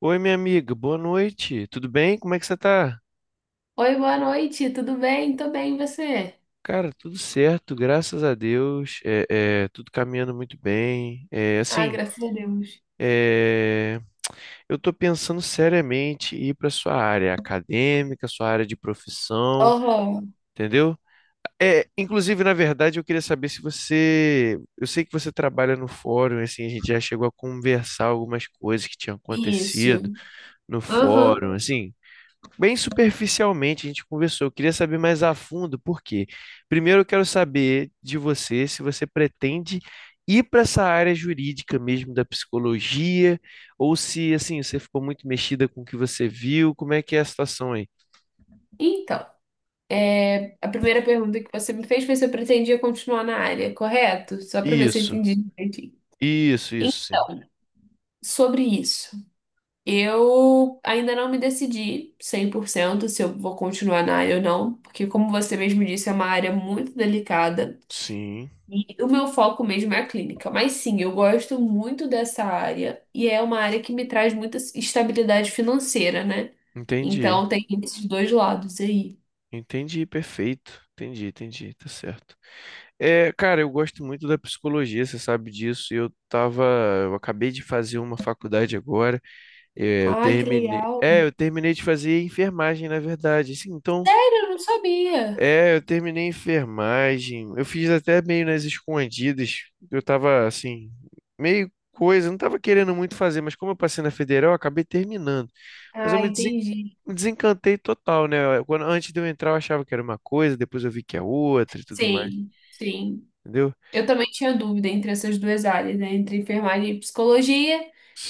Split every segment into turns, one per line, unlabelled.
Oi, minha amiga, boa noite. Tudo bem? Como é que você tá?
Oi, boa noite, tudo bem? Tô bem, e você?
Cara, tudo certo, graças a Deus. Tudo caminhando muito bem.
Ah, graças a Deus.
É, eu tô pensando seriamente em ir para sua área acadêmica, sua área de profissão,
Aham,
entendeu? Inclusive, na verdade, eu queria saber se você, eu sei que você trabalha no fórum, assim, a gente já chegou a conversar algumas coisas que tinham
isso.
acontecido no
Aham.
fórum, assim. Bem superficialmente a gente conversou, eu queria saber mais a fundo por quê. Primeiro eu quero saber de você se você pretende ir para essa área jurídica mesmo da psicologia, ou se assim, você ficou muito mexida com o que você viu, como é que é a situação aí?
Então, a primeira pergunta que você me fez foi se eu pretendia continuar na área, correto? Só para ver se eu
Isso,
entendi direitinho.
isso, sim.
Então, sobre isso, eu ainda não me decidi 100% se eu vou continuar na área ou não, porque, como você mesmo disse, é uma área muito delicada.
Sim,
E o meu foco mesmo é a clínica, mas sim, eu gosto muito dessa área e é uma área que me traz muita estabilidade financeira, né?
entendi.
Então tem esses dois lados aí.
Entendi, perfeito. Entendi, entendi, tá certo. É, cara, eu gosto muito da psicologia, você sabe disso. Eu tava, eu acabei de fazer uma faculdade agora. É, eu
Ah, que
terminei.
legal.
É, eu terminei de fazer enfermagem, na verdade. Assim, então,
Sério, eu não sabia.
eu terminei enfermagem. Eu fiz até meio nas escondidas. Eu tava assim, meio coisa, não tava querendo muito fazer, mas como eu passei na federal, eu acabei terminando. Mas
Ah, entendi.
me desencantei total, né? Quando, antes de eu entrar, eu achava que era uma coisa, depois eu vi que é outra e tudo mais,
Sim, sim.
entendeu?
Eu também tinha dúvida entre essas duas áreas, né? Entre enfermagem e psicologia,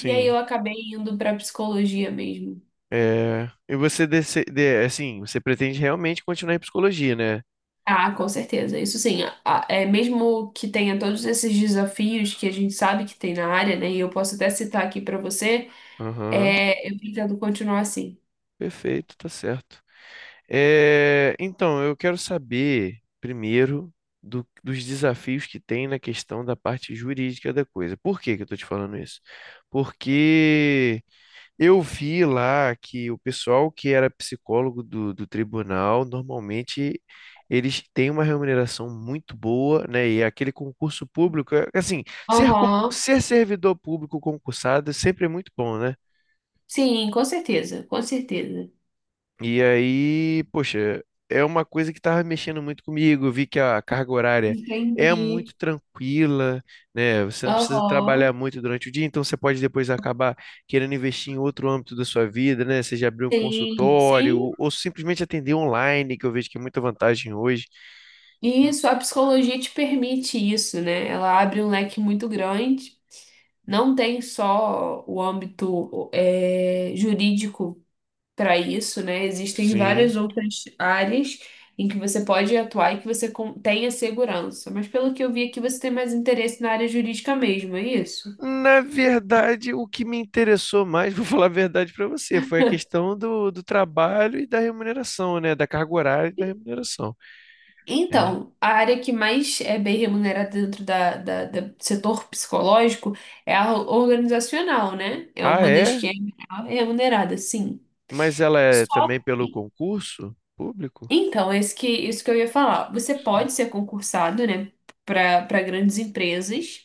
e aí eu acabei indo para psicologia mesmo.
É... E você, assim, você pretende realmente continuar em psicologia, né?
Ah, com certeza. Isso sim, é mesmo que tenha todos esses desafios que a gente sabe que tem na área, né? E eu posso até citar aqui para você,
Aham,
eu pretendo continuar assim.
perfeito, tá certo. É, então, eu quero saber primeiro dos desafios que tem na questão da parte jurídica da coisa. Por que que eu estou te falando isso? Porque eu vi lá que o pessoal que era psicólogo do tribunal, normalmente eles têm uma remuneração muito boa, né? E é aquele concurso público, assim,
Aham.
ser servidor público concursado sempre é muito bom, né?
Sim, com certeza, com certeza.
E aí, poxa, é uma coisa que estava mexendo muito comigo. Eu vi que a carga horária é
Entendi.
muito tranquila, né? Você não precisa trabalhar
Aham.
muito durante o dia, então você pode depois acabar querendo investir em outro âmbito da sua vida, né? Seja abrir um
Sim,
consultório
sim.
ou simplesmente atender online, que eu vejo que é muita vantagem hoje.
E
Hum,
isso, a psicologia te permite isso, né? Ela abre um leque muito grande. Não tem só o âmbito, jurídico. Para isso, né? Existem
Sim.
várias outras áreas em que você pode atuar e que tenha segurança. Mas pelo que eu vi aqui, você tem mais interesse na área jurídica mesmo, é isso?
Na verdade, o que me interessou mais, vou falar a verdade para você, foi a questão do trabalho e da remuneração, né? Da carga horária e da remuneração. É.
Então, a área que mais é bem remunerada dentro do setor psicológico é a organizacional, né? É
Ah,
uma das
é?
que é melhor remunerada, sim.
Mas ela é
Só
também pelo
que,
concurso público?
então, isso que eu ia falar. Você
Sim.
pode ser concursado, né, para grandes empresas.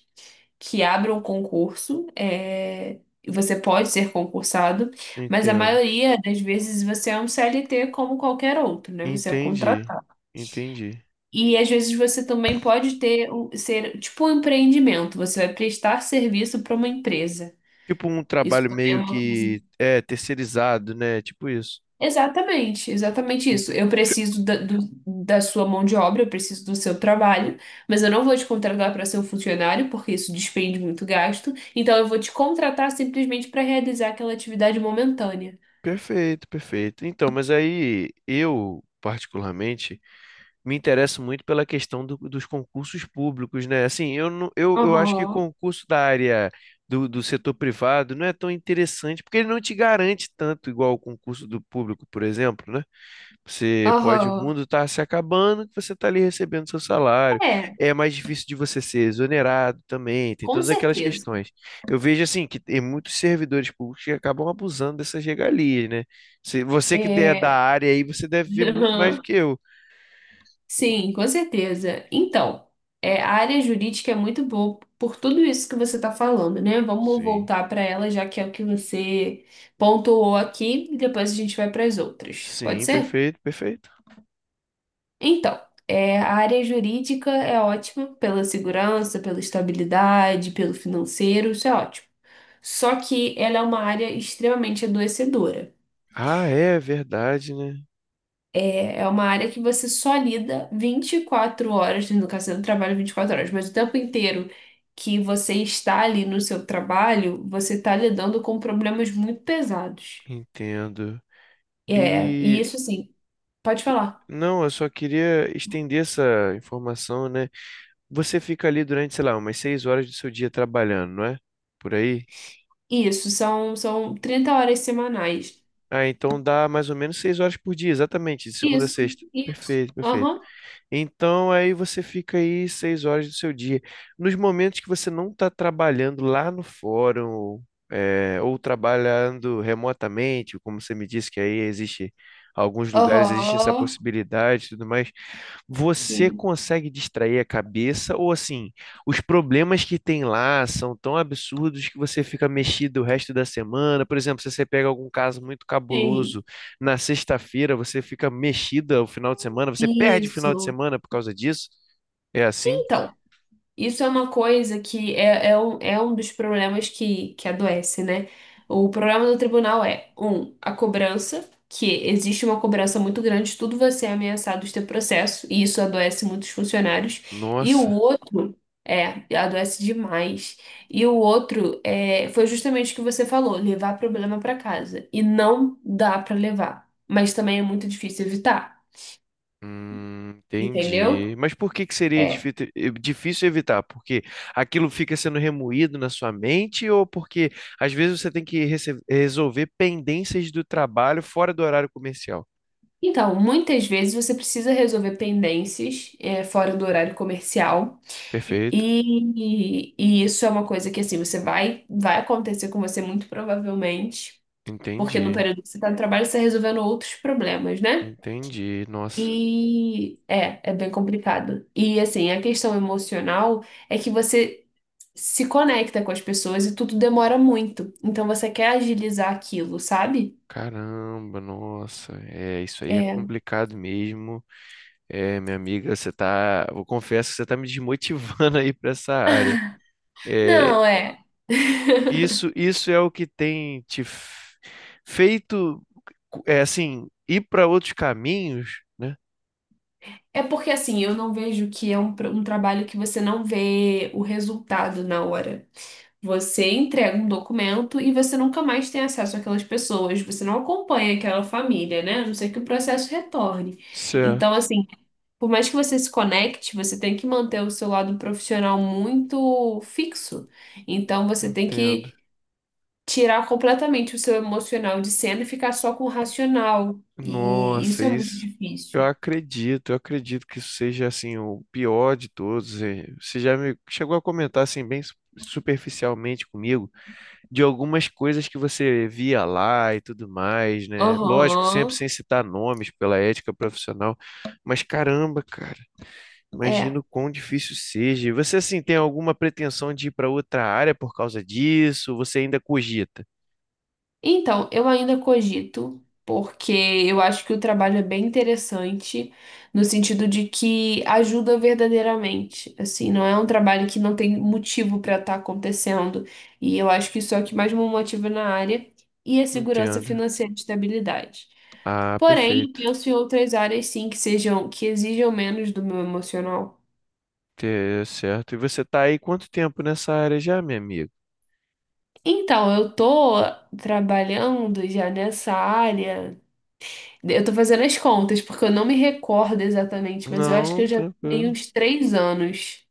Que abram concurso, você pode ser concursado, mas a
Entendo.
maioria das vezes você é um CLT como qualquer outro, né? Você é
Entendi.
contratado.
Entendi.
E às vezes você também pode ser tipo um empreendimento, você vai prestar serviço para uma empresa.
Tipo um
Isso
trabalho
também é
meio
uma coisa.
que é terceirizado, né? Tipo isso.
Exatamente, exatamente isso. Eu preciso da sua mão de obra, eu preciso do seu trabalho, mas eu não vou te contratar para ser um funcionário, porque isso despende muito gasto. Então eu vou te contratar simplesmente para realizar aquela atividade momentânea.
Perfeito, perfeito. Então, mas aí eu, particularmente, me interesso muito pela questão dos concursos públicos, né? Assim, eu, não, eu acho que
Aham,
concurso da área do setor privado não é tão interessante, porque ele não te garante tanto igual o concurso do público, por exemplo, né? Você pode, o
aham.
mundo está se acabando, que você está ali recebendo seu salário.
É,
É mais difícil de você ser exonerado também, tem
com
todas aquelas
certeza.
questões. Eu vejo assim que tem muitos servidores públicos que acabam abusando dessas regalias, né? Se você que é da
É.
área aí, você deve ver muito mais do que eu.
Sim, com certeza. Então, a área jurídica é muito boa por tudo isso que você está falando, né? Vamos
Sim.
voltar para ela, já que é o que você pontuou aqui, e depois a gente vai para as outras. Pode
Sim,
ser?
perfeito, perfeito.
Então, a área jurídica é ótima pela segurança, pela estabilidade, pelo financeiro, isso é ótimo. Só que ela é uma área extremamente adoecedora.
Ah, é verdade, né?
É uma área que você só lida 24 horas, no caso, você não trabalha 24 horas, mas o tempo inteiro que você está ali no seu trabalho, você está lidando com problemas muito pesados.
Entendo.
E
E
isso, assim, pode falar.
não, eu só queria estender essa informação, né? Você fica ali durante, sei lá, umas 6 horas do seu dia trabalhando, não é? Por aí?
Isso, são, são 30 horas semanais.
Ah, então dá mais ou menos 6 horas por dia, exatamente, de segunda a
Isso,
sexta.
isso.
Perfeito, perfeito.
Aham.
Então aí você fica aí 6 horas do seu dia. Nos momentos que você não está trabalhando lá no fórum, é, ou trabalhando remotamente, como você me disse que aí existe alguns lugares, existe essa
Aham.
possibilidade e tudo mais. Você
Sim,
consegue distrair a cabeça ou assim, os problemas que tem lá são tão absurdos que você fica mexido o resto da semana? Por exemplo, se você pega algum caso muito
sim.
cabuloso na sexta-feira, você fica mexida o final de semana, você perde o final de
Isso.
semana por causa disso? É assim?
então Isso é uma coisa que é um dos problemas que adoece, né? O problema do tribunal é, a cobrança, que existe uma cobrança muito grande, tudo vai ser ameaçado de ter processo, e isso adoece muitos funcionários. E o
Nossa.
outro, adoece demais. E o outro é, foi justamente o que você falou, levar problema para casa. E não dá para levar, mas também é muito difícil evitar, entendeu?
Entendi. Mas por que que seria
É,
difícil evitar? Porque aquilo fica sendo remoído na sua mente ou porque às vezes você tem que resolver pendências do trabalho fora do horário comercial?
Então, muitas vezes você precisa resolver pendências fora do horário comercial
Perfeito.
e isso é uma coisa que assim você vai acontecer com você muito provavelmente, porque no
Entendi.
período que você está no trabalho você está resolvendo outros problemas, né?
Entendi. Nossa.
E é, é bem complicado. E assim, a questão emocional é que você se conecta com as pessoas e tudo demora muito. Então você quer agilizar aquilo, sabe?
Caramba, nossa. É, isso aí é
É.
complicado mesmo. É, minha amiga, você tá, eu confesso que você tá me desmotivando aí para essa área. É,
Não, é.
Isso é o que tem feito, é assim, ir para outros caminhos, né?
É porque assim, eu não vejo que um trabalho que você não vê o resultado na hora. Você entrega um documento e você nunca mais tem acesso àquelas pessoas, você não acompanha aquela família, né? A não ser que o processo retorne. Então,
Certo,
assim, por mais que você se conecte, você tem que manter o seu lado profissional muito fixo. Então, você tem
entendo.
que tirar completamente o seu emocional de cena e ficar só com o racional. E
Nossa,
isso é muito
isso.
difícil.
Eu acredito que isso seja assim o pior de todos. Eh, você já me chegou a comentar assim bem superficialmente comigo de algumas coisas que você via lá e tudo mais, né? Lógico, sempre
Aham.
sem citar nomes pela ética profissional, mas caramba, cara.
É,
Imagino quão difícil seja. E você, assim, tem alguma pretensão de ir para outra área por causa disso? Você ainda cogita?
Então, eu ainda cogito, porque eu acho que o trabalho é bem interessante, no sentido de que ajuda verdadeiramente. Assim, não é um trabalho que não tem motivo para estar acontecendo. E eu acho que isso é o que mais me motiva na área e a segurança
Entendo.
financeira e estabilidade.
Ah,
Porém, eu
perfeito.
penso em outras áreas sim que sejam, que exijam menos do meu emocional.
Certo. E você tá aí quanto tempo nessa área já, meu amigo?
Então, eu tô trabalhando já nessa área. Eu tô fazendo as contas, porque eu não me recordo exatamente, mas eu acho que
Não,
eu já tenho
tranquilo.
uns 3 anos,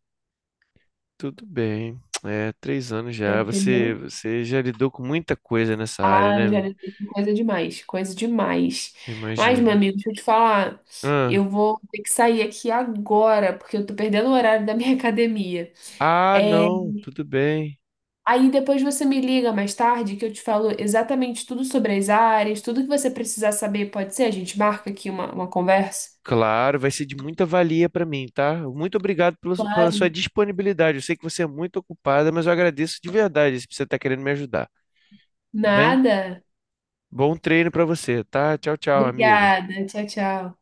Tudo bem. É, 3 anos
já
já. Você,
entendeu?
você já lidou com muita coisa nessa área,
Ah,
né?
eu já
Meu?
lidei com coisa demais, coisa demais. Mas, meu
Imagino.
amigo, deixa eu te falar,
Ah,
eu vou ter que sair aqui agora, porque eu tô perdendo o horário da minha academia.
ah,
É,
não, tudo bem.
aí depois você me liga mais tarde, que eu te falo exatamente tudo sobre as áreas, tudo que você precisar saber, pode ser? A gente marca aqui uma conversa?
Claro, vai ser de muita valia para mim, tá? Muito obrigado pela, pela sua
Claro.
disponibilidade. Eu sei que você é muito ocupada, mas eu agradeço de verdade se você está querendo me ajudar, tá bem?
Nada?
Bom treino para você, tá? Tchau, tchau, amigo.
Obrigada. Tchau, tchau.